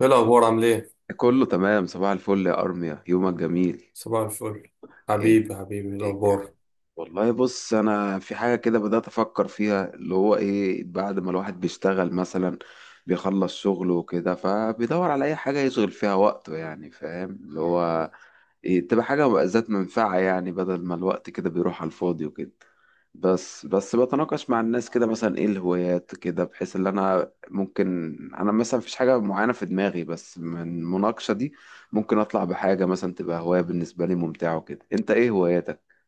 ايه الاخبار، عامل ايه؟ كله تمام صباح الفل يا أرميا، يومك جميل. صباح الفل. ايه حبيبي حبيبي، إيه ايه الكلام؟ الاخبار؟ والله بص، أنا في حاجة كده بدأت أفكر فيها، اللي هو إيه، بعد ما الواحد بيشتغل مثلا بيخلص شغله وكده، فبيدور على أي حاجة يشغل فيها وقته، يعني فاهم اللي هو إيه، تبقى حاجة بقى ذات منفعة، يعني بدل ما الوقت كده بيروح على الفاضي وكده. بس بتناقش مع الناس كده مثلا ايه الهوايات كده، بحيث ان انا ممكن انا مثلا مفيش حاجة معينة في دماغي، بس من المناقشة دي ممكن اطلع بحاجة مثلا تبقى هواية بالنسبة لي ممتعة وكده. انت ايه هواياتك؟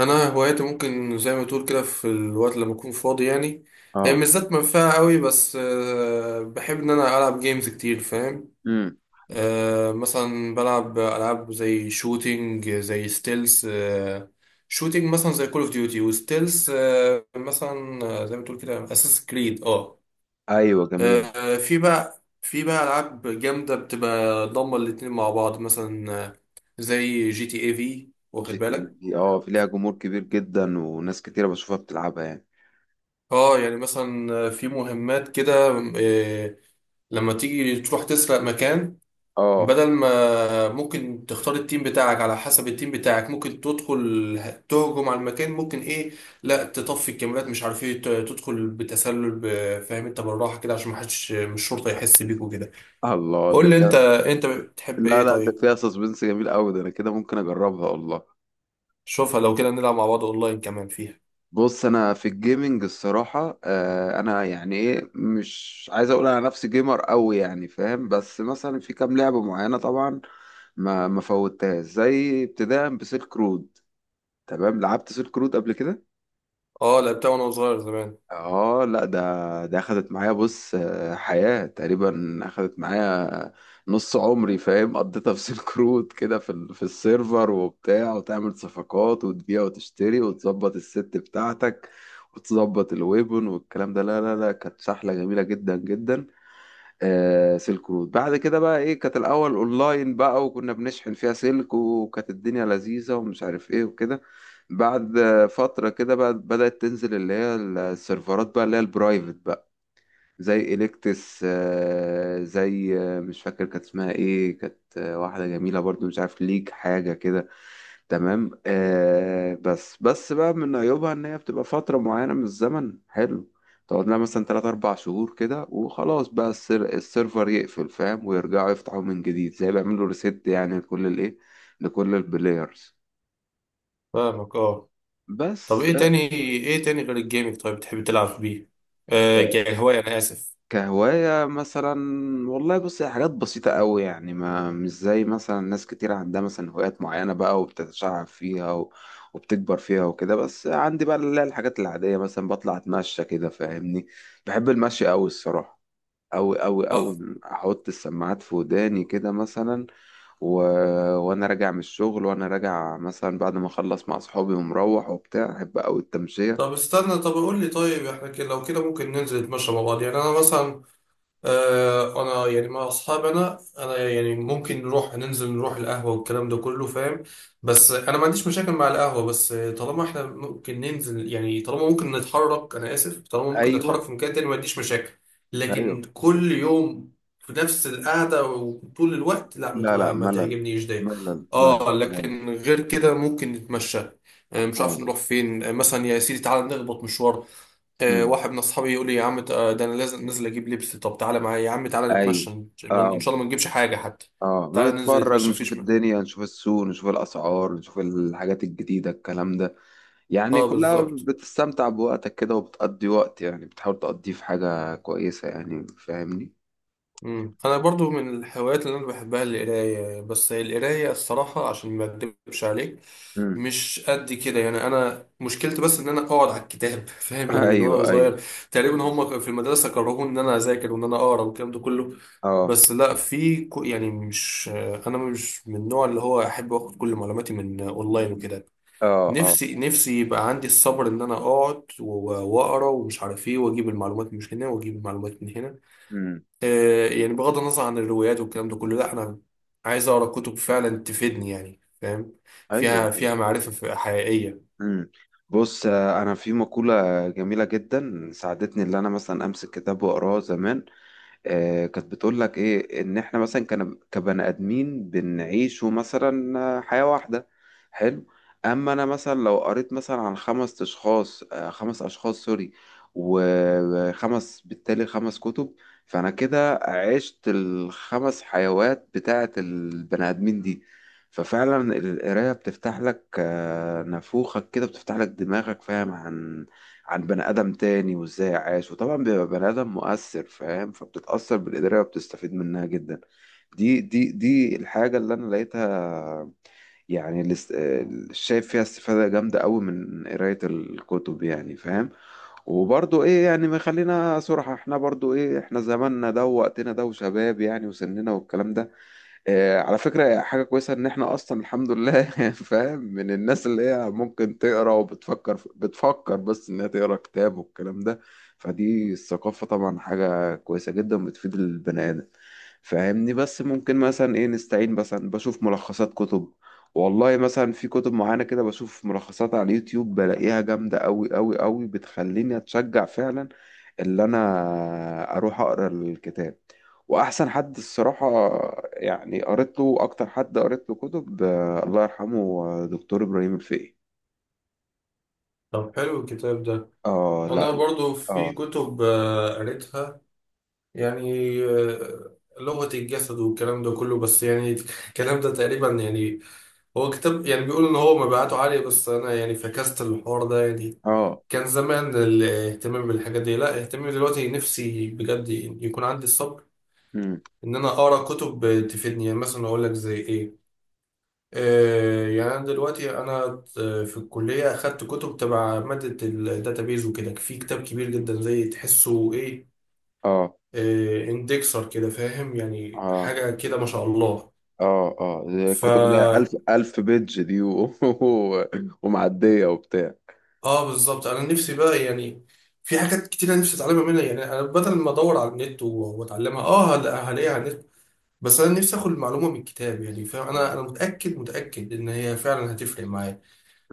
انا هوايتي ممكن زي ما تقول كده في الوقت لما اكون فاضي يعني. هي اه. مش ذات منفعه قوي، بس بحب ان انا العب جيمز كتير، فاهم. امم. مثلا بلعب العاب زي شوتينج، زي ستيلز. شوتينج مثلا زي كول اوف ديوتي وستيلز، مثلا زي ما تقول كده اساس كريد اه ايوه جميلة. في بقى العاب جامده بتبقى ضامه الاتنين مع بعض، مثلا زي جي تي اي في، واخد جي تي اي بالك. دي، اه، في ليها جمهور كبير جدا وناس كتيرة بشوفها بتلعبها يعني. اه، يعني مثلا في مهمات كده، آه، لما تيجي تروح تسرق مكان. اه. بدل ما ممكن تختار التيم بتاعك، على حسب التيم بتاعك ممكن تدخل تهجم على المكان، ممكن ايه، لا تطفي الكاميرات، مش عارف ايه، تدخل بتسلل، فاهم انت، بالراحه كده عشان ما حدش من الشرطه يحس بيك وكده. الله، ده قول لي انت، فيها. بتحب لا ايه لا، ده طيب؟ فيها سسبنس جميل قوي، ده انا كده ممكن اجربها والله. شوفها، لو كده نلعب مع بعض اونلاين كمان فيها. بص انا في الجيمنج الصراحه، انا يعني ايه، مش عايز اقول انا نفسي جيمر قوي يعني فاهم، بس مثلا في كام لعبه معينه طبعا ما فوتهاش، زي ابتداء بسيلك رود. تمام، لعبت سيلك رود قبل كده. اه، لعبتها وانا صغير زمان. اه لا، ده اخدت معايا بص، حياة تقريبا اخدت معايا نص عمري فاهم، قضيتها في سيلك رود كده، في في السيرفر وبتاع، وتعمل صفقات وتبيع وتشتري وتظبط الست بتاعتك وتظبط الويبن والكلام ده. لا لا لا، كانت سحلة جميلة جدا جدا. سلك رود بعد كده بقى ايه، كانت الاول اونلاين بقى، وكنا بنشحن فيها سلك، وكانت الدنيا لذيذة ومش عارف ايه وكده. بعد فترة كده بقى بدأت تنزل اللي هي السيرفرات بقى، اللي هي البرايفت، زي إليكتس، زي مش فاكر كانت اسمها ايه، كانت واحدة جميلة برضو، مش عارف ليج حاجة كده. تمام. بس بقى من عيوبها ان هي بتبقى فترة معينة من الزمن، حلو، تقعد لها مثلا 3 4 شهور كده، وخلاص بقى السيرفر يقفل فاهم، ويرجعوا يفتحوا من جديد، زي بيعملوا ريست يعني لكل الايه، لكل البلايرز. فاهمك اه. طب بس. ايه تاني، غير الجيمنج طيب، بتحب تلعب بيه آه، كهواية؟ انا اسف. كهواية مثلا، والله بص، هي حاجات بسيطة قوي يعني، ما مش زي مثلا ناس كتير عندها مثلا هوايات معينة بقى وبتتشعب فيها و... وبتكبر فيها وكده، بس عندي بقى اللي هي الحاجات العادية. مثلا بطلع أتمشى كده فاهمني، بحب المشي قوي الصراحة، أوي أوي أوي. اه، أحط السماعات في وداني كده مثلا و... وأنا راجع من الشغل، وأنا راجع مثلا بعد ما أخلص مع أصحابي ومروح وبتاع، أحب أوي التمشية. طب استنى، طب قول لي، طيب احنا كده لو كده ممكن ننزل نتمشى مع بعض، يعني انا مثلا، انا يعني مع اصحابي، انا يعني ممكن نروح ننزل نروح القهوه والكلام ده كله، فاهم. بس انا ما عنديش مشاكل مع القهوه، بس طالما احنا ممكن ننزل، يعني طالما ممكن نتحرك، انا اسف، طالما ممكن نتحرك أيوه. في مكان تاني ما عنديش مشاكل. لكن أيوه. كل يوم في نفس القعده وطول الوقت، لا، لا لا، ما ملل، تعجبنيش ده. ملل، اه، ملل. لكن غير كده ممكن نتمشى، مش عارف اه. نروح فين، مثلا يا سيدي تعالى نخبط مشوار. امم. واحد من اصحابي يقول لي يا عم، ده انا لازم نازل اجيب لبس، طب تعالى معايا يا عم، تعالى ايوه. نتمشى، ان اه، شاء الله ما نجيبش حاجه حتى. اه، تعالى ننزل بنتفرج، نتمشى نشوف مفيش. الدنيا، نشوف السوق، نشوف الاسعار، نشوف الحاجات الجديده، الكلام ده يعني، اه كلها بالظبط. بتستمتع بوقتك كده، وبتقضي وقت يعني، بتحاول تقضيه في حاجه كويسه يعني فاهمني. مم. انا برضو من الهوايات اللي انا بحبها القرايه، بس القرايه الصراحه، عشان ما اكدبش عليك، امم. مش قد كده. يعني انا مشكلتي بس ان انا اقعد على الكتاب فاهم، يعني من ايوه. وانا ايوه. صغير تقريبا، هم في المدرسه كرهوني ان انا اذاكر وان انا اقرا والكلام ده كله. اه. بس لا، في يعني مش، انا مش من النوع اللي هو احب اخد كل معلوماتي من اونلاين وكده. اه. اه. نفسي يبقى عندي الصبر ان انا اقعد واقرا، ومش عارف ايه، واجيب المعلومات من هنا، واجيب المعلومات من هنا. امم. يعني بغض النظر عن الروايات والكلام ده كله، لا، انا عايز اقرا كتب فعلا تفيدني، يعني فاهم، ايوه فيها طبعا. معرفة حقيقية. امم. بص، انا في مقوله جميله جدا ساعدتني اللي انا مثلا امسك كتاب واقراه زمان، كانت بتقول لك ايه، ان احنا مثلا كان كبني ادمين بنعيشوا مثلا حياة واحدة. حلو. اما انا مثلا لو قريت مثلا عن خمس اشخاص، خمس اشخاص، سوري، وخمس بالتالي خمس كتب، فانا كده عشت الخمس حيوات بتاعة البني ادمين دي. ففعلا القراية بتفتح لك نافوخك كده، بتفتح لك دماغك فاهم، عن عن بني آدم تاني وازاي عاش، وطبعا بيبقى بني آدم مؤثر فاهم، فبتتأثر بالقراية وبتستفيد منها جدا. دي الحاجة اللي أنا لقيتها، يعني اللي اللي شايف فيها استفادة جامدة أوي من قراية الكتب يعني فاهم. وبرضو إيه، يعني ما خلينا صراحة، إحنا برضو إيه، إحنا زماننا ده ووقتنا ده وشباب يعني وسننا والكلام ده، على فكرة حاجة كويسة إن إحنا أصلا الحمد لله فاهم، من الناس اللي هي ممكن تقرا وبتفكر بتفكر بس إنها تقرا كتاب والكلام ده. فدي الثقافة طبعا حاجة كويسة جدا بتفيد البني آدم فاهمني. بس ممكن مثلا إيه نستعين مثلا بشوف ملخصات كتب. والله مثلا في كتب معينة كده بشوف ملخصات على اليوتيوب بلاقيها جامدة أوي أوي أوي، بتخليني أتشجع فعلا اللي انا اروح اقرا الكتاب. واحسن حد الصراحه يعني قريت له، اكتر حد قريت له كتب، الله يرحمه، دكتور ابراهيم الفقي. طب حلو الكتاب ده. اه انا لا لا. برضو في اه. كتب قريتها، يعني لغة الجسد والكلام ده كله، بس يعني الكلام ده تقريبا يعني، هو كتاب يعني بيقول ان هو مبيعاته عالية، بس انا يعني فكست الحوار ده يعني. اه. كان زمان الاهتمام بالحاجات دي، لا، اهتمامي دلوقتي، نفسي بجد يكون عندي الصبر مم. ان انا اقرا كتب تفيدني، يعني مثلا اقول لك زي ايه. يعني انا دلوقتي انا، في الكليه اخدت كتب تبع ماده الداتابيز وكده، في كتاب كبير جدا زي تحسه ايه، اه. اندكسر كده، فاهم، يعني اه. حاجه كده ما شاء الله. اه. اه، دي الكتب اللي هي فا ألف ألف بيدج دي و... ومعدية وبتاع. اه بالظبط. انا نفسي بقى، يعني في حاجات كتير انا نفسي اتعلمها منها، يعني انا بدل ما ادور على النت واتعلمها، اه هلاقيها على النت، بس انا نفسي اخد المعلومه من الكتاب، يعني فاهم، انا متاكد متاكد ان هي فعلا هتفرق معايا.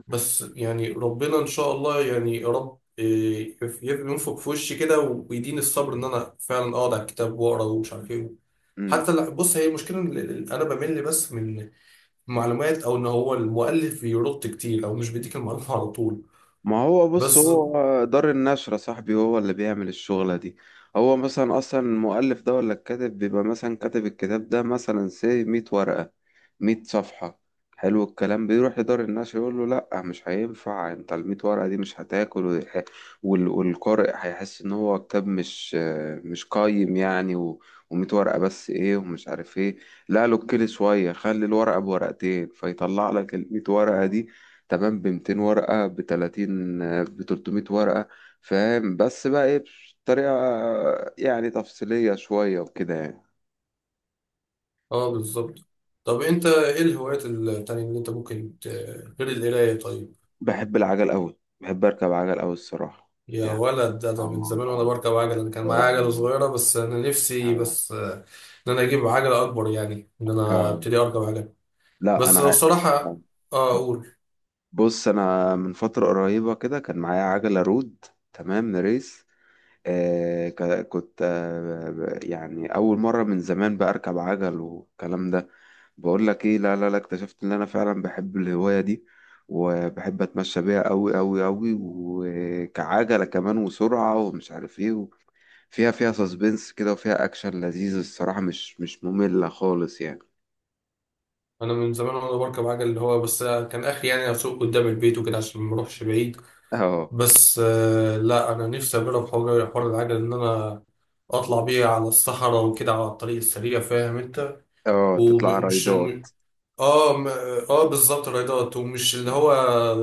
بس يعني ربنا ان شاء الله، يعني يا رب ينفخ في وشي كده ويديني الصبر ان انا فعلا اقعد على الكتاب واقرا ومش عارف ايه. مم. حتى لا، بص، هي المشكله إن انا بمل بس من معلومات، او ان هو المؤلف بيرد كتير، او مش بيديك المعلومه على طول. ما هو بص، بس. هو دار النشر يا صاحبي هو اللي بيعمل الشغلة دي. هو مثلا أصلا المؤلف ده ولا الكاتب بيبقى مثلا كاتب الكتاب ده مثلا سي مية ورقة، مية صفحة، حلو، الكلام بيروح لدار النشر يقول له لأ مش هينفع، انت المية ورقة دي مش هتاكل، والقارئ هيحس إن هو كتاب مش قايم يعني و... ومية ورقة بس إيه، ومش عارف إيه، لا له كل شوية، خلي الورقة بورقتين، فيطلع لك المية ورقة دي تمام، ب 200 ورقة، ب 30، ب 300 ورقة فاهم، بس بقى ايه، بطريقة يعني تفصيلية شوية وكده يعني. اه بالظبط. طب انت ايه الهوايات التانية اللي انت ممكن غير القرايه طيب؟ بحب العجل أوي، بحب أركب عجل أوي الصراحة يا يعني. ولد، ده من اه. زمان وانا اه. بركب عجل، انا كان معايا اه. عجله صغيره، بس انا نفسي آه، بس ان انا اجيب عجله اكبر، يعني ان انا آه. ابتدي اركب عجل. لا بس أنا لو الصراحه، اه آه. اقول، بص، أنا من فترة قريبة كده كان معايا عجلة رود، تمام، ريس، كنت يعني أول مرة من زمان بقى أركب عجل والكلام ده، بقول لك إيه، لا لا لا، اكتشفت إن أنا فعلا بحب الهواية دي، وبحب أتمشى بيها أوي أوي أوي، وكعجلة كمان وسرعة ومش عارف إيه، فيها فيها سسبنس كده وفيها أكشن لذيذ الصراحة، مش مملة خالص يعني. انا من زمان وانا بركب عجل، اللي هو بس كان اخري يعني اسوق قدام البيت وكده عشان ما اروحش بعيد. اه. بس لا، انا نفسي اجرب حوار، العجل، ان انا اطلع بيه على الصحراء وكده، على الطريق السريع، فاهم انت، اه تطلع ومش، رايدات. اه اه بالظبط، الرياضات، ومش اللي مم. هو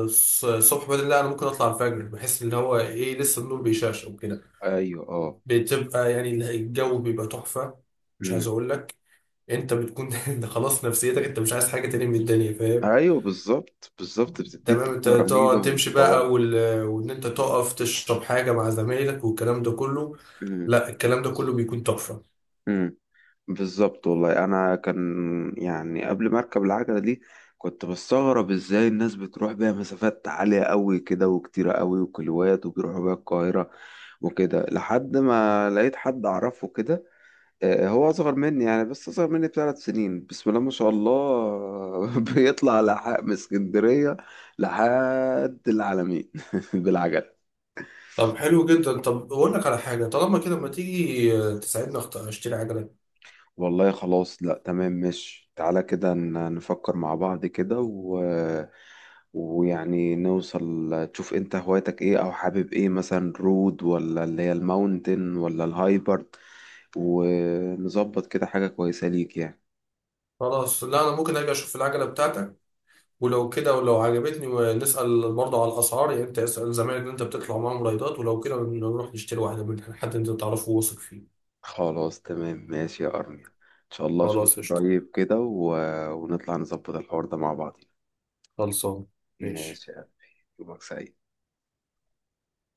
الصبح بدري، لا، انا ممكن اطلع الفجر، بحس ان هو ايه، لسه النور بيشعشع وكده، ايوه. اه. بتبقى يعني الجو بيبقى تحفه. مش عايز أمم. اقول لك، انت بتكون انت خلاص، نفسيتك انت مش عايز حاجه تاني من الدنيا، فاهم. ايوه بالظبط بالظبط، بتديك تمام، انت طاقة تقعد رهيبة تمشي بقى، وان انت تقف تشرب حاجه مع زمايلك والكلام ده كله، ومطورة. لا، الكلام ده كله بيكون تحفه. امم. بالظبط والله، انا كان يعني قبل ما اركب العجله دي كنت بستغرب ازاي الناس بتروح بيها مسافات عاليه قوي كده وكتيره قوي وكيلوات، وبيروحوا بيها القاهره وكده، لحد ما لقيت حد اعرفه كده، هو اصغر مني يعني، بس اصغر مني ب3 سنين، بسم الله ما شاء الله بيطلع لحق من اسكندريه لحد العلمين بالعجله. طب حلو جدا، طب اقول لك على حاجه، طالما كده ما تيجي تساعدني، اشتري عجله. والله خلاص، لا تمام ماشي، تعالى كده نفكر مع بعض كده و... ويعني نوصل، تشوف انت هوايتك ايه، او حابب ايه، مثلا رود ولا اللي هي الماونتن ولا الهايبرد، ونظبط كده حاجة كويسة ليك يعني. خلاص، لا، انا ممكن اجي اشوف العجله بتاعتك، ولو كده، ولو عجبتني، نسال برضه على الاسعار، يعني انت اسال زمايلك اللي انت بتطلع معاهم رايدات، ولو كده نروح نشتري واحده من حد انت تعرفه واثق فيه. خلاص تمام ماشي يا أرميا، ان شاء الله اشوفك خلاص، قشطه. قريب كده و... ونطلع نظبط الحوار ده مع بعض. خلصان. ماشي. ماشي يا قلبي. يومك سعيد.